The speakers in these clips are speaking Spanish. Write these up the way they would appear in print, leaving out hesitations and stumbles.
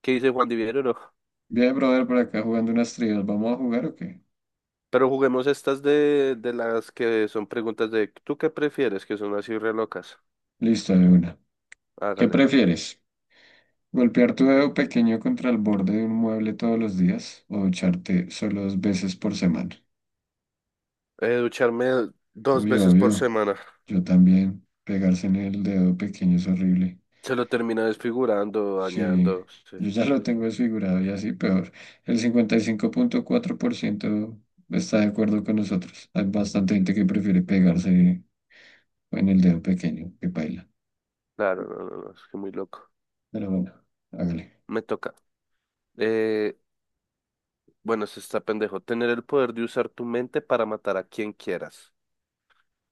¿Qué dice Juan Divierro? Bien, brother, por acá jugando unas trivias. ¿Vamos a jugar o qué? Pero juguemos estas de las que son preguntas de ¿tú qué prefieres? Que son así re locas. Listo, de una. ¿Qué Hágale. prefieres? ¿Golpear tu dedo pequeño contra el borde de un mueble todos los días o ducharte solo dos veces por semana? Ducharme dos Uy, veces por obvio. semana. Yo también. Pegarse en el dedo pequeño es horrible. Se lo termina desfigurando, Sí, dañando. Sí. yo ya lo tengo desfigurado y así peor. El 55,4% está de acuerdo con nosotros. Hay bastante gente que prefiere pegarse en el dedo pequeño que paila. Claro, no, no, no, es que muy loco. Pero bueno, hágale. Me toca. Eh, bueno, se está pendejo. Tener el poder de usar tu mente para matar a quien quieras.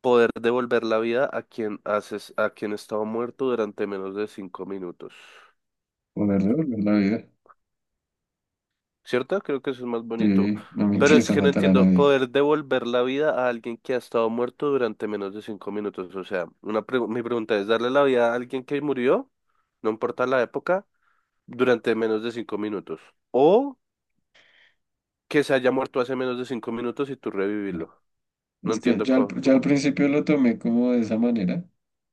Poder devolver la vida a quien haces, a quien estaba muerto durante menos de 5 minutos. Poder devolver la vida. ¿Cierto? Creo que eso es más bonito. Sí, no me Pero es interesa que no matar a entiendo, nadie. poder devolver la vida a alguien que ha estado muerto durante menos de 5 minutos. O sea, mi pregunta es, ¿darle la vida a alguien que murió, no importa la época, durante menos de 5 minutos? ¿O que se haya muerto hace menos de 5 minutos y tú revivirlo? No Es que entiendo yo al, cómo, tú, yo al principio lo tomé como de esa manera,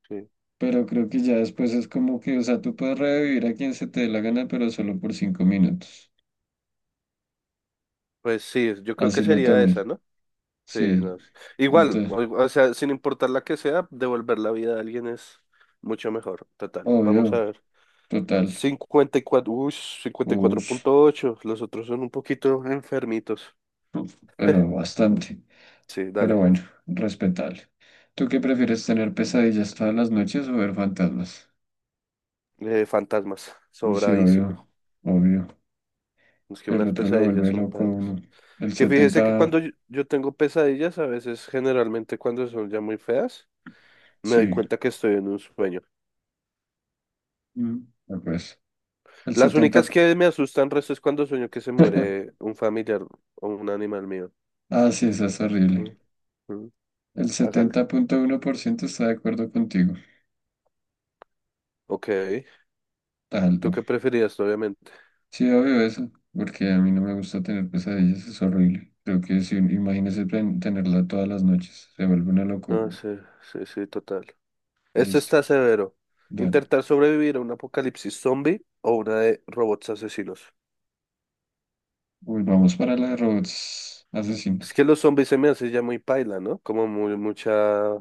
sí. pero creo que ya después es como que, o sea, tú puedes revivir a quien se te dé la gana, pero solo por 5 minutos. Pues sí, yo creo que Así lo sería esa, tomé. ¿no? Sí, Sí, no sé. Igual, entonces, o sea, sin importar la que sea, devolver la vida a alguien es mucho mejor. Total, vamos a obvio, ver. total. Cincuenta y cuatro Ush, punto ocho Los otros son un poquito enfermitos. uf, pero bastante. Sí, Pero dale. bueno, respetable. ¿Tú qué prefieres tener pesadillas todas las noches o ver fantasmas? Fantasmas, Uy, sí, obvio, sobradísimo. obvio. Es que El unas otro lo pesadillas vuelve son loco a uno. palas. El Que fíjese que cuando 70 yo tengo pesadillas, a veces, generalmente cuando son ya muy feas, me doy sí. cuenta que estoy en un sueño. Mm. El Las 70 únicas p- que me asustan resto es cuando sueño que se muere un familiar o un animal mío. Ah, sí, eso es horrible. Mm, mm, El hágale. 70,1% está de acuerdo contigo. Ok. Está ¿Tú alto. qué preferías, obviamente? Sí, obvio eso, porque a mí no me gusta tener pesadillas, es horrible. Creo que si imagínese tenerla todas las noches, se vuelve una No, loco. sí, sí, sí, total. Este Listo, está severo. dale. Intentar sobrevivir a un apocalipsis zombie o una de robots asesinos. Volvamos para la de robots asesinos. Es que los zombies se me hace ya muy paila, ¿no? Como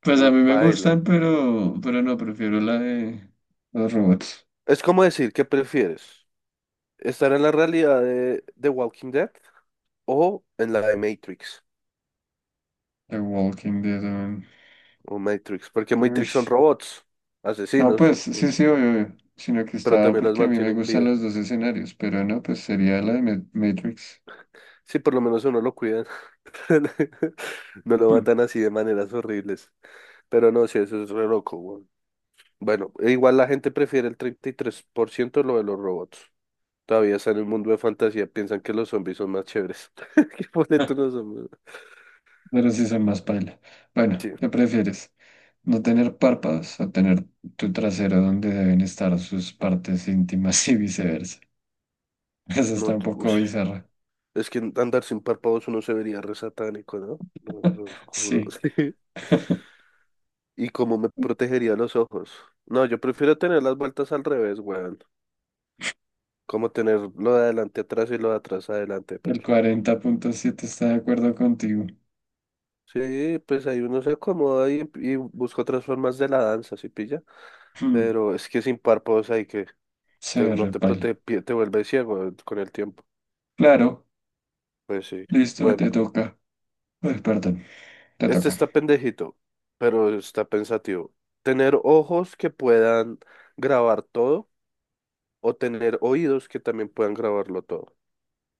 Pues a muy mí me paila. gustan, pero no, prefiero la de los robots. Es como decir, ¿qué prefieres? ¿Estar en la realidad de Walking Dead o en la de Matrix? The Walking Dead. O Matrix, porque Matrix son Uish. robots, No, asesinos, pues sí, sí, obvio, obvio, sino que pero estaba también las porque a mí me mantienen gustan vida. los dos escenarios, pero no, pues sería la de Matrix. Sí, por lo menos a uno lo cuidan. No lo Hmm. matan así de maneras horribles. Pero no, sí, eso es re loco, weón. Bueno, e igual la gente prefiere el 33% lo de los robots. Todavía están en el mundo de fantasía, piensan que los zombies son más chéveres. ¿Qué pone tú los zombies? Pero sí son más paila. Bueno, Sí, ¿qué prefieres? ¿No tener párpados o tener tu trasero donde deben estar sus partes íntimas y viceversa? Eso no, está un poco ush. bizarra. Es que andar sin párpados uno se vería re satánico, ¿no? Lo juro. Sí, Sí. ¿Y cómo me protegería los ojos? No, yo prefiero tener las vueltas al revés, weón. Como tener lo de adelante atrás y lo de atrás adelante, el perro. 40,7 está de acuerdo contigo. Sí, pues ahí uno se acomoda y busca otras formas de la danza, ¿sí pilla? Hmm. Pero es que sin párpados hay que, Se ve no re te paila. protege, te vuelve ciego con el tiempo. Claro, Pues sí. listo, Bueno, te toca. Ay, perdón, te este toca. está pendejito, pero está pensativo. Tener ojos que puedan grabar todo o tener oídos que también puedan grabarlo todo. O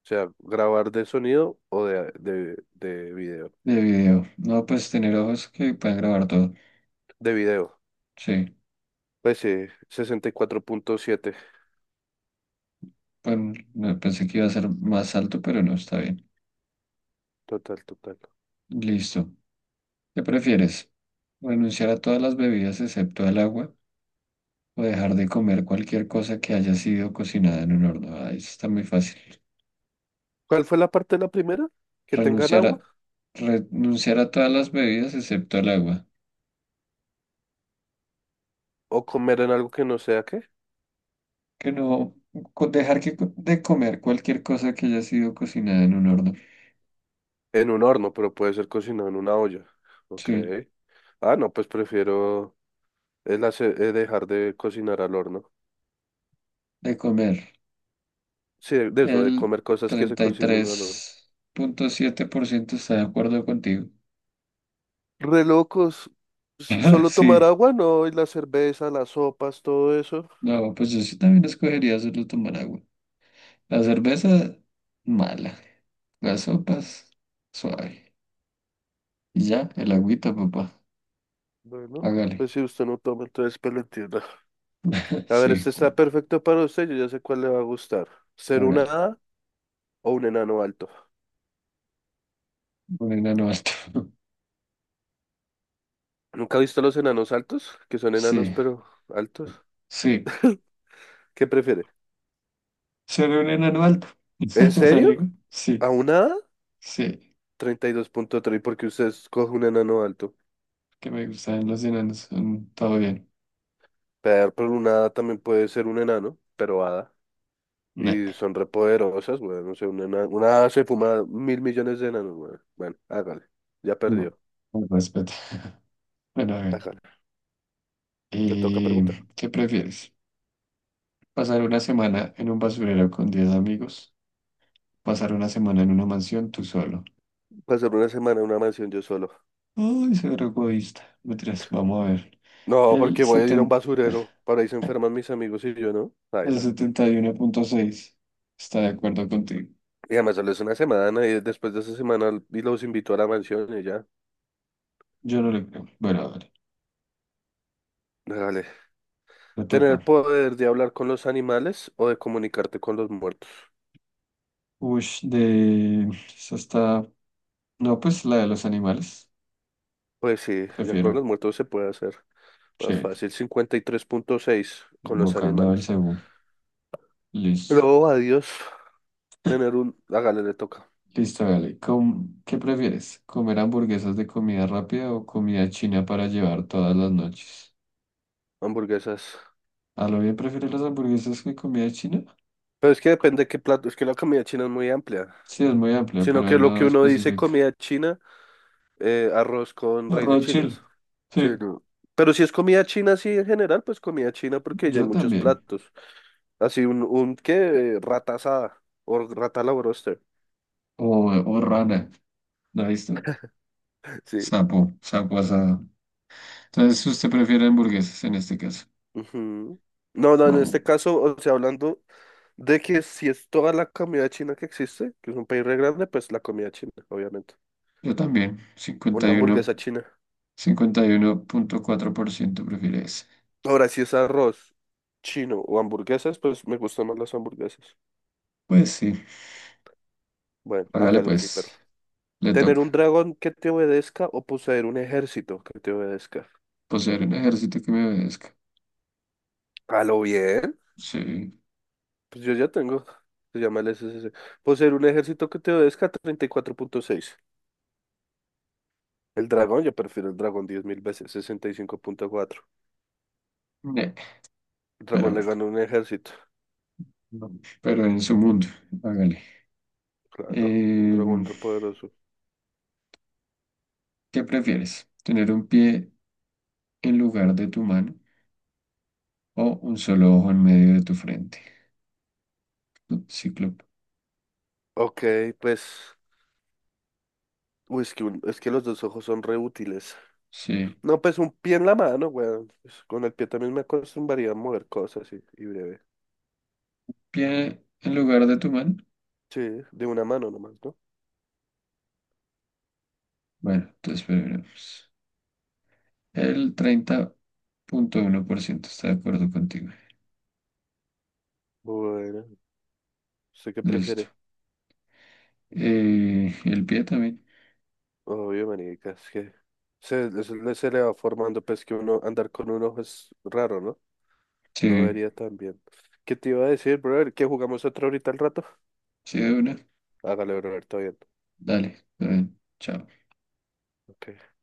sea, grabar de sonido o de video. De video. No, pues tener ojos que puedan grabar todo. De video. Sí. Pues sí, 64,7. Bueno, no, pensé que iba a ser más alto, pero no, está bien. Total, total. Listo. ¿Qué prefieres? ¿Renunciar a todas las bebidas excepto al agua o dejar de comer cualquier cosa que haya sido cocinada en un horno? Ah, eso está muy fácil. ¿Cuál fue la parte de la primera? ¿Que tengan Renunciar agua? a, renunciar a todas las bebidas excepto al agua. ¿O comer en algo que no sea qué? Que no, dejar de comer cualquier cosa que haya sido cocinada en un horno. En un horno, pero puede ser cocinado en una olla. Ok. Sí, Ah, no, pues prefiero dejar de cocinar al horno. de comer. Sí, de eso, de El comer cosas que se treinta y cocinan al horno. tres punto siete por ciento está de acuerdo contigo. Re locos. Ah, Solo tomar sí, agua, no, y la cerveza, las sopas, todo eso. no, pues yo sí también escogería solo tomar agua. La cerveza, mala. Las sopas, suave. Y ya, el agüita, papá. Bueno, Hágale. pues si usted no toma, entonces pues lo entiendo. A ver, Sí, este está perfecto para usted, yo ya sé cuál le va a gustar. ¿Ser una hágale. hada o un enano alto? Un enano alto. ¿Nunca ha visto los enanos altos? Que son enanos, Sí, pero altos. sí. ¿Qué prefiere? Ser un enano alto. ¿En serio? ¿Sale? ¿A Sí, una hada? sí. 32,3, porque usted escoge un enano alto. Que me gustan los enanos. Todo bien. Pear por una hada también puede ser un enano, pero hada. No, Y son repoderosas, güey. No sé, una hada se fuma 1.000 millones de enanos, güey. Bueno, hágale. Ya no. perdió. Con respeto. Bueno, hágale. Hágale. Le toca preguntar. ¿Y qué prefieres? ¿Pasar una semana en un basurero con 10 amigos? ¿Pasar una semana en una mansión tú solo? Pasar una semana en una mansión yo solo. Ay, ser egoísta. Mentiras, vamos a ver. No, El porque voy a ir a un 70, basurero. Para ahí se enferman mis amigos y yo, ¿no? el Baila. 71,6 está de acuerdo contigo. Y además solo es una semana y después de esa semana y los invito a la mansión y ya. Yo no le creo. Bueno, a ver, Hágale. le ¿Tener toca. el poder de hablar con los animales o de comunicarte con los muertos? Uy. Esa está. No, pues la de los animales. Pues sí, ya con Prefiero. los muertos se puede hacer. Más Sí, fácil, 53,6 con los invocando al animales. cebú. Listo. Luego adiós, tener un... Hágale, le toca. Listo, dale. ¿Qué prefieres? ¿Comer hamburguesas de comida rápida o comida china para llevar todas las noches? Hamburguesas. A lo bien prefieres las hamburguesas que comida china. Pero es que depende qué plato. Es que la comida china es muy amplia. Sí, es muy amplia, Sino pero ahí que lo no que uno dice especifica. comida china, arroz con raíces Arroz chile. chinas. Sí, Sí, no. Pero si es comida china, así en general, pues comida china porque ya hay yo muchos también. platos. Así un, ¿qué? Rata asada o rata a la broster. O, o rana. ¿La ha visto? Sí. Sapo, sapo asado. Entonces, ¿usted prefiere hamburguesas en este caso? Ujú. No, no, en Vamos. este caso, o sea, hablando de que si es toda la comida china que existe, que es un país re grande, pues la comida china, obviamente. Yo también. Una hamburguesa china. 51,4% prefiere ese. Ahora, si es arroz chino o hamburguesas, pues me gustan más las hamburguesas. Pues sí, Bueno, hágale hágale, mi perro. pues. Le Tener un toca. dragón que te obedezca o poseer un ejército que te obedezca. Poseer un ejército que me obedezca. A lo bien. Sí, Pues yo ya tengo. Se llama el SSC. Poseer un ejército que te obedezca, 34,6. El dragón, yo prefiero el dragón 10.000 veces, 65,4. ne, El pero dragón le bueno, gana un ejército. no. Pero en su mundo, hágale. Claro, un Eh, dragón repoderoso. ¿Qué prefieres? ¿Tener un pie en lugar de tu mano o un solo ojo en medio de tu frente? No, Cíclope. Ok, pues. Uy, es que, es que los dos ojos son re útiles. Sí, No, pues un pie en la mano, weón. Pues, con el pie también me acostumbraría a mover cosas y breve. pie en lugar de tu mano. Sí, de una mano nomás, ¿no? Bueno, entonces veremos. El 30,1% está de acuerdo contigo. Bueno, ¿usted qué Listo. prefiere? El pie también. Obvio, manica, es que se le va formando, pues que uno andar con un ojo es raro, ¿no? No Sí, vería tan bien. ¿Qué te iba a decir, brother? ¿Que jugamos otra ahorita al rato? sí, de una. Hágale, brother, todo bien. Dale, está bien. Chao. Ok.